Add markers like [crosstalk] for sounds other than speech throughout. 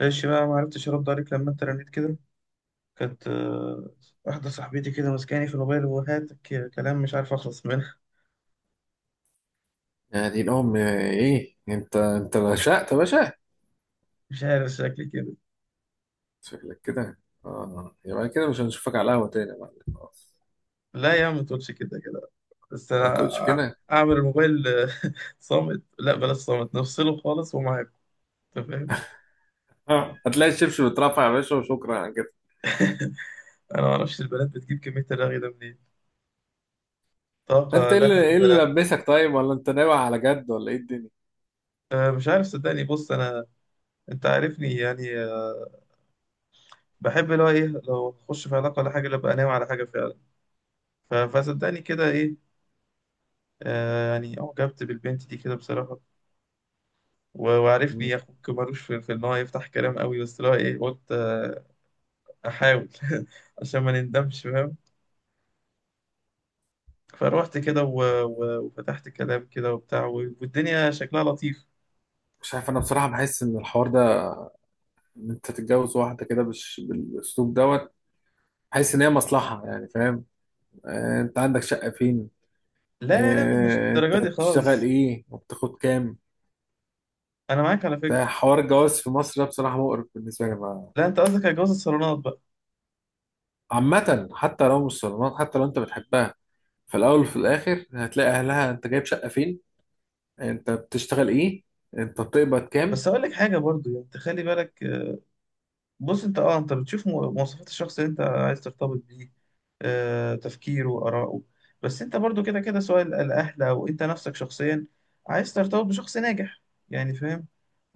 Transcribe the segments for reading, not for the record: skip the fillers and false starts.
ماشي بقى، ما عرفتش ارد عليك لما انت رنيت كده. كانت واحده صاحبتي كده ماسكاني في الموبايل وهات كلام، مش عارف اخلص منها. يعني الأم إيه؟ أنت رشقت يا باشا. [laughs] مش عارف شكلي كده. شكلك كده. آه، يبقى كده مش هنشوفك على القهوة تاني يا معلم، خلاص. لا يا عم، ما تقولش كده كده. بس ما انا تقولش أع- كده. اعمل الموبايل [laughs] صامت. لا بلاش صامت، نفصله خالص ومعاك انت، فاهم. آه. هتلاقي الشبشب اترفع يا باشا، وشكرا على كده. انا ما اعرفش البنات بتجيب كميه الرغي ده منين، طاقه أنت إيه لا اللي إيه حدود لها. اللي لبسك؟ طيب ولا أنت ناوي على جد، ولا إيه الدنيا؟ مش عارف، صدقني بص انا، انت عارفني يعني، بحب اللي هو ايه، لو اخش في علاقه ولا حاجه لا ابقى ناوي على حاجه فعلا. فصدقني كده ايه، آه يعني أعجبت بالبنت دي كده بصراحة. وعارفني مم. يا أخوك ملوش في إن هو يفتح كلام قوي، بس اللي هو إيه، قلت آه أحاول [laughs] عشان ما نندمش، فاهم. فروحت كده وفتحت كلام كده وبتاع، و... والدنيا شكلها لطيف. مش عارف، أنا بصراحة بحس إن الحوار ده، إن أنت تتجوز واحدة كده بالأسلوب دوت، بحس إن هي مصلحة يعني، فاهم. آه، أنت عندك شقة فين؟ لا لا، مش آه، أنت للدرجة دي بتشتغل خالص. إيه وبتاخد كام؟ أنا معاك على فكرة. ده حوار الجواز في مصر ده بصراحة مقرف بالنسبة لي. لا أنت قصدك على جواز الصالونات بقى. عامة حتى لو مش صالونات، حتى لو انت بتحبها، في الاول وفي الاخر هتلاقي اهلها: انت جايب شقة فين، انت بتشتغل ايه، انت بتقبض كام. بس أقول لك حاجة برضو، يعني أنت خلي بالك. بص انت اه، انت بتشوف مواصفات الشخص اللي انت عايز ترتبط بيه، تفكيره، آراءه. بس انت برضو كده كده، سواء الاهل او انت نفسك شخصيا، عايز ترتبط بشخص ناجح، يعني فاهم.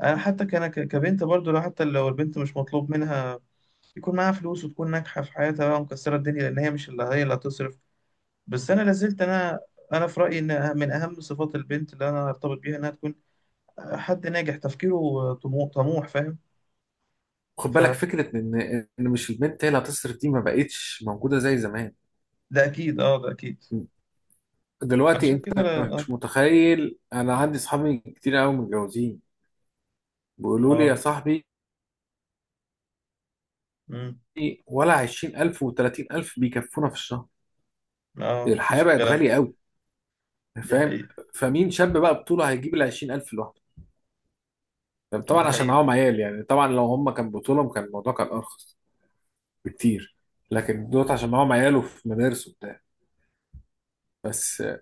انا حتى كان كبنت برضو، لو حتى لو البنت مش مطلوب منها يكون معاها فلوس، وتكون ناجحة في حياتها بقى ومكسرة الدنيا، لان هي مش اللي هتصرف. بس انا لازلت انا، انا في رايي ان من اهم صفات البنت اللي انا ارتبط بيها انها تكون حد ناجح، تفكيره طموح، طموح فاهم. خد ف بالك ف- فكرة ان مش البنت هي اللي هتصرف، دي ما بقتش موجودة زي زمان. ده اكيد، اه ده اكيد. دلوقتي عشان انت كده انا اه، مش متخيل، انا عندي صحابي كتير قوي متجوزين بيقولوا لي يا اه. صاحبي، مم. ولا 20000 و30000 بيكفونا في الشهر. اه، الحياة مفيش بقت الكلام ده. غالية قوي، دي فاهم. حقيقة. فمين شاب بقى بطوله هيجيب ال 20000 لوحده؟ طبعا دي عشان حقيقة. معاهم عيال، يعني طبعا لو هم كان بطولهم كان الموضوع كان ارخص بكتير. لكن دوت عشان معاهم عيال وفي مدارس وبتاع. بس آه،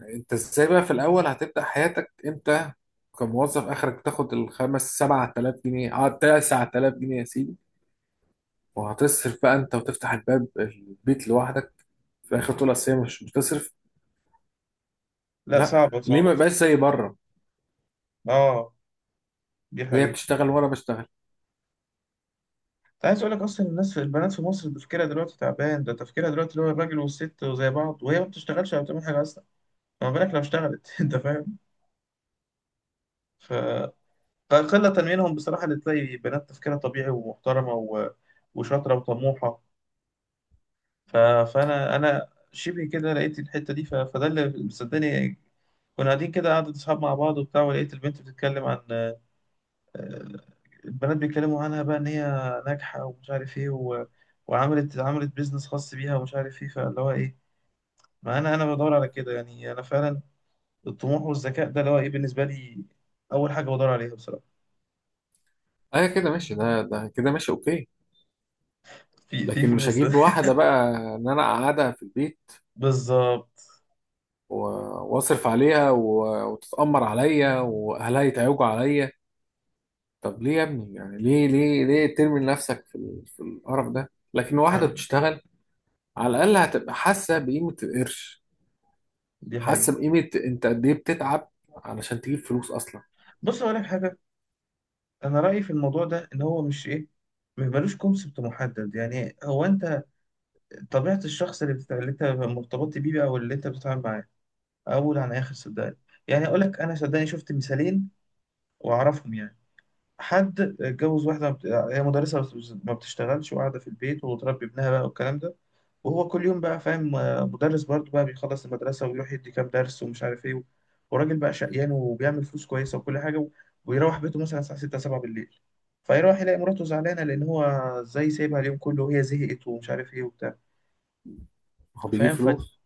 انت ازاي بقى في الاول هتبدا حياتك انت كموظف؟ اخرك تاخد الخمس سبعة آلاف جنيه، اه 9 آلاف جنيه يا سيدي، وهتصرف بقى انت وتفتح الباب البيت لوحدك، في الاخر تقول اصل هي مش بتصرف. لا لا، صعبة، ليه صعبة ما يبقاش بصراحة. زي بره؟ اه، دي هي حقيقة. بتشتغل وانا بشتغل. انت عايز اقول لك، اصلا الناس البنات في مصر تفكيرها دلوقتي تعبان. ده تفكيرها دلوقتي اللي هو الراجل والست وزي بعض، وهي ما بتشتغلش ولا بتعمل حاجة اصلا، ما بالك لو اشتغلت. [laughs] انت فاهم. ف قلة منهم بصراحة اللي تلاقي بنات تفكيرها طبيعي ومحترمة و... وشاطرة وطموحة. ف... فانا شبه كده لقيت الحته دي، ف... فده اللي، صدقني، كنا قاعدين كده قعدة اصحاب مع بعض وبتاع، ولقيت البنت بتتكلم عن، البنات بيتكلموا عنها بقى ان هي ناجحه ومش عارف ايه و... وعملت بيزنس خاص بيها ومش عارف ايه، فاللي هو ايه، ما انا بدور على كده، يعني انا فعلا الطموح والذكاء ده اللي هو ايه بالنسبه لي اول حاجه بدور عليها بصراحه. اه كده ماشي، ده كده ماشي، اوكي. في في لكن مش فلوس. هجيب واحده بقى ان انا اقعدها في البيت، [laughs] بالظبط. واصرف عليها وتتأمر عليا واهلها يتعوجوا عليا. طب ليه يا ابني؟ يعني ليه ليه ليه ترمي نفسك في في القرف ده؟ لكن واحده أنا-. بتشتغل، على الاقل هتبقى حاسه بقيمه القرش، دي حقيقة. حاسه بقيمه انت قد ايه بتتعب علشان تجيب فلوس اصلا. بص أقول لك حاجة، انا رايي في الموضوع ده ان هو مش ايه، مش ملوش كونسبت محدد، يعني هو انت، طبيعه الشخص اللي انت مرتبط بيه بقى او اللي انت بتتعامل معاه اول عن اخر، صدقني. يعني اقول لك، انا صدقني شفت مثالين واعرفهم يعني. حد اتجوز واحده، ما بت- هي مدرسه، ما بتشتغلش وقاعده في البيت وتربي ابنها بقى والكلام ده. وهو كل يوم بقى فاهم مدرس برضه بقى، بيخلص المدرسة ويروح يدي كام درس ومش عارف ايه، وراجل بقى شقيان وبيعمل فلوس كويسة وكل حاجة ويروح بيته مثلا الساعة 6 7 بالليل، فيروح يلاقي مراته زعلانة، لأن هو ازاي سايبها اليوم كله، وهي زهقت ومش عارف ايه وبتاع. هو بيجيب فاهم ف، فلوس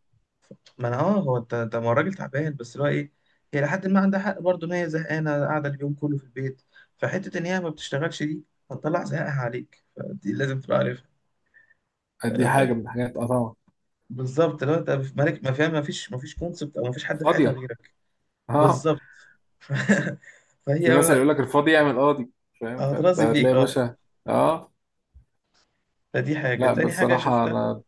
ما انا اه، هو انت ده ما هو الراجل تعبان، بس اللي هو ايه، هي لحد ما عندها حق برضه ان هي زهقانة قاعدة اليوم كله في البيت، فحتة ان هي ما بتشتغلش دي هتطلع زهقها عليك، فدي لازم تبقى قد ايه، حاجه عارفها. من الحاجات، اه طبعا. بالظبط، لو انت في مالك، ما فيها، ما فيش كونسبت او ما فيش حد في حياتها فاضيه. غيرك. [laughs] اه، بالظبط. [laughs] في مثل فهي يقول لك الفاضي يعمل قاضي. فاهم، فانت هترازي فيك، هتلاقي يا اه. باشا. اه. فدي حاجه، لا تاني حاجه بصراحه شفتها، انا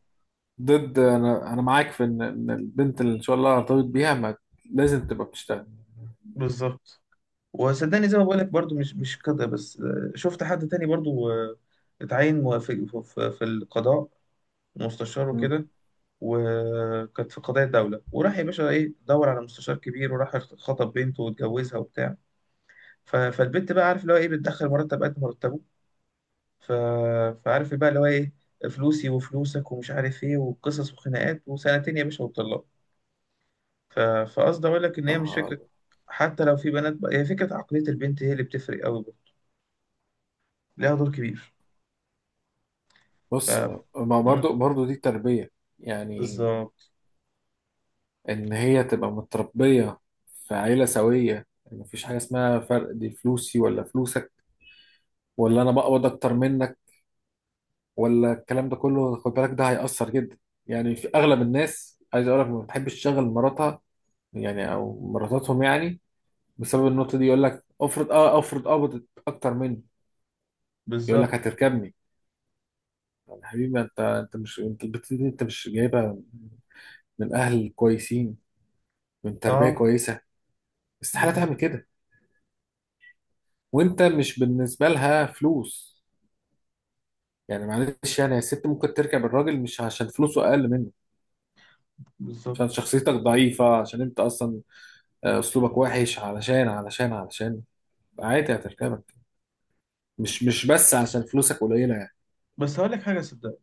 ضد، انا معاك في ان البنت اللي ان شاء الله ارتبط بيها ما لازم تبقى بتشتغل. بالظبط. وصدقني زي ما بقول لك برضو، مش كده بس، شفت حد تاني برضو اتعين في في القضاء، مستشار مم. وكده. وكانت في قضايا الدوله، وراح يا باشا ايه دور على مستشار كبير وراح خطب بنته واتجوزها وبتاع. فالبنت بقى عارف اللي هو ايه، بتدخل مرتب قد مرتبه، ف... فعارف بقى اللي هو ايه، فلوسي وفلوسك ومش عارف ايه وقصص وخناقات وسنتين يا باشا وطلاق. ف... فقصدي اقول لك، ان هي مش آه، فكره حتى لو في بنات بقى، هي فكره عقليه البنت هي اللي بتفرق قوي برضه، ليها دور كبير. ف بص، ما مم. برضو دي تربية، يعني بالظبط. ان هي تبقى متربية في عيلة سوية، ان مفيش حاجة اسمها فرق، دي فلوسي ولا فلوسك، ولا انا بقبض اكتر منك، ولا الكلام ده كله. خد بالك ده هيأثر جدا. يعني في اغلب الناس، عايز اقول لك، ما بتحبش تشغل مراتها، يعني او مراتاتهم يعني، بسبب النقطة دي. يقول لك افرض قبضت اكتر مني، يقول لك بالظبط. هتركبني. طب يا حبيبي، انت، انت مش انت البت دي انت مش جايبها من اهل كويسين، من تربيه اه كويسه. دي استحاله تعمل حقيقة. كده. وانت مش بالنسبه لها فلوس. يعني معلش يعني يا ست، ممكن تركب الراجل مش عشان فلوسه اقل منه، بالظبط. عشان شخصيتك ضعيفه، عشان انت اصلا آه، اسلوبك وحش، علشان عادي هتركبك، مش بس عشان فلوسك قليله يعني. بس هقول لك حاجه صدق،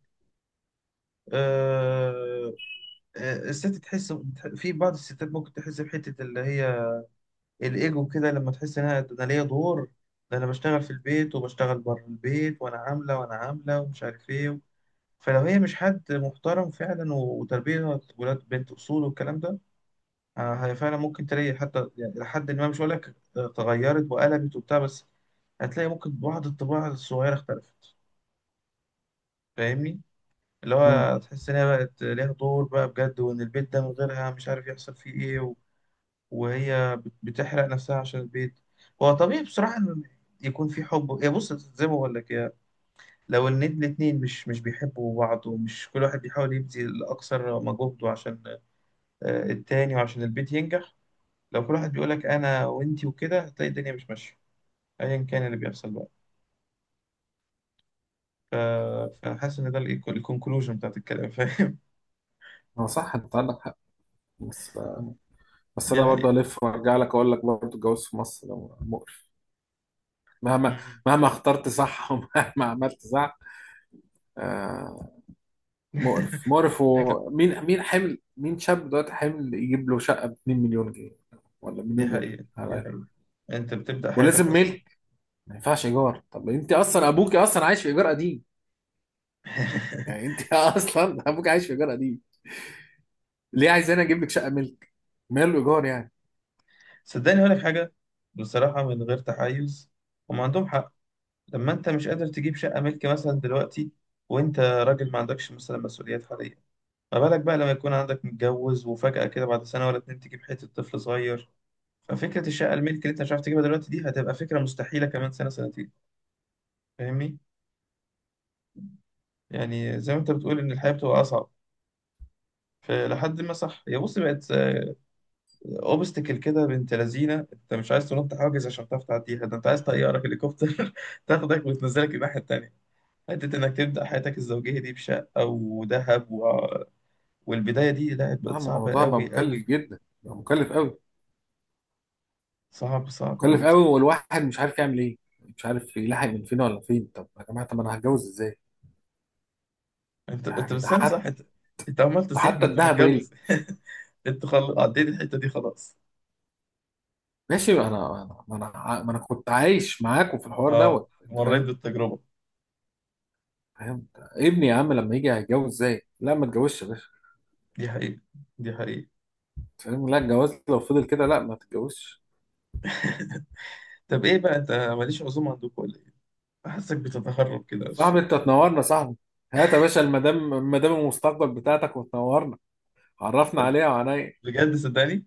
آه... الست تحس، في بعض الستات ممكن تحس بحته اللي هي الايجو كده، لما تحس ان انا، ده انا ليا دور، ده انا بشتغل في البيت وبشتغل بره البيت، وانا عامله وانا عامله ومش عارف ايه. فلو هي مش حد محترم فعلا وتربيه ولاد بنت اصول والكلام ده، هي فعلا ممكن تلاقي، حتى يعني لحد ما، مش هقول لك تغيرت وقلبت وبتاع، بس هتلاقي ممكن بعض الطباع الصغيره اختلفت. فاهمني، اللي امم. هو تحس ان هي بقت ليها دور بقى بجد، وان البيت ده من غيرها مش عارف يحصل فيه ايه، وهي بتحرق نفسها عشان البيت. هو طبيعي بصراحة إن يكون في حب. يا بص زي ما بقول لك، يا لو إن الاتنين مش بيحبوا بعض، ومش كل واحد بيحاول يبذل أقصى مجهوده عشان التاني وعشان البيت ينجح، لو كل واحد بيقول لك أنا وأنتي وكده، هتلاقي الدنيا مش ماشية، أيا كان اللي بيحصل بقى. ف- فأنا حاسس إن ده الكونكلوجن بتاعت الكلام، فاهم. هو صح، انت عندك حق. بس [laughs] بس دي انا برضه حقيقة. الف وارجع لك اقول لك برضه الجواز في مصر ده مقرف. مهما مم. مهما اخترت صح، [laughs] ومهما عملت صح، آه. مقرف [laughs] مقرف. ومين مين حمل؟ مين شاب دلوقتي حمل يجيب له شقة ب 2 مليون جنيه، ولا دي مليون جنيه حقيقة. على دي الأقل. حقيقة، أنت بتبدأ حياتك ولازم أصلا. ملك، ما ينفعش ايجار. طب انت اصلا ابوك اصلا عايش في ايجار قديم. [laughs] يعني انت [laughs] اصلا ابوك عايش في ايجار قديم، ليه عايز انا اجيب لك شقة ملك؟ ماله ايجار يعني. صدقني هقول لك حاجة، بصراحة من غير تحيز، هم عندهم حق. لما أنت مش قادر تجيب شقة ملك مثلا دلوقتي، وأنت راجل ما عندكش مثلا مسؤوليات حالية، ما بالك بقى لما يكون عندك متجوز وفجأة كده بعد سنة ولا اتنين تجيب حتة طفل صغير. ففكرة الشقة الملك اللي أنت مش عارف تجيبها دلوقتي دي هتبقى فكرة مستحيلة كمان سنة سنتين، فاهمني؟ يعني زي ما أنت بتقول إن الحياة بتبقى أصعب، فلحد ما صح، هي بص بقت اوبستكل كده، بنت لذينه، انت مش عايز تنط حاجز عشان تعرف تعديها، ده انت عايز طياره هليكوبتر [laughs] تاخدك وتنزلك الناحيه التانيه. حتة إنك تبدأ حياتك الزوجية دي بشقة وذهب و... والبداية دي، لا اه، بقت صعبة الموضوع بقى أوي مكلف أوي. جدا، بقى مكلف قوي، صعب صعب أوي مكلف قوي، بصراحة. والواحد مش عارف يعمل ايه، مش عارف يلاحق من فين ولا فين. طب يا جماعة، طب انا هتجوز ازاي؟ أنت أنت يعني ده بس، أنا صح، أنت أنت عمال ده تصيح ما حتى أنت الذهب غلي. متجوز. [laughs] أنت عديت الحتة دي خلاص. ماشي، انا انا ما انا ع- ما انا كنت عايش معاكم في الحوار أه دوت، انت مريت فاهم. بالتجربة. فاهم ابني يا عم لما يجي هيتجوز ازاي؟ لا، ما تجوزش يا باشا. دي حقيقة، دي حقيقة. أنت فاهم؟ لا، الجواز لو فضل كده لا، ما تتجوزش. طب إيه بقى، أنت ماليش عزومة عندكم ولا إيه؟ بحسك بتتهرب كده، مش صاحبي، انت تنورنا صاحبي. هات يا باشا المدام، المدام المستقبل بتاعتك، وتنورنا، عرفنا عليها وعليا. بجد، صدقني.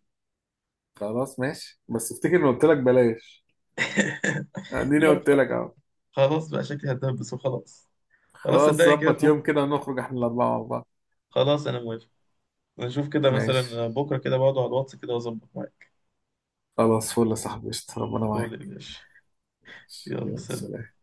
خلاص ماشي، بس افتكر اني قلت لك بلاش، [laughs] اديني لا قلت لك اهو. خلاص بقى شكلي هتدبس وخلاص. خلاص خلاص، صدقني كده ظبط في مخ، يوم كده ونخرج احنا الاربعه مع بعض. خلاص أنا موافق. نشوف كده ماشي، مثلا بكرة كده بقعد على الواتس كده وأظبط معاك. خلاص، فل يا صاحبي، قشطة. ربنا قول لي يا معاك. باشا. ماشي، يلا يلا سلام. سلام.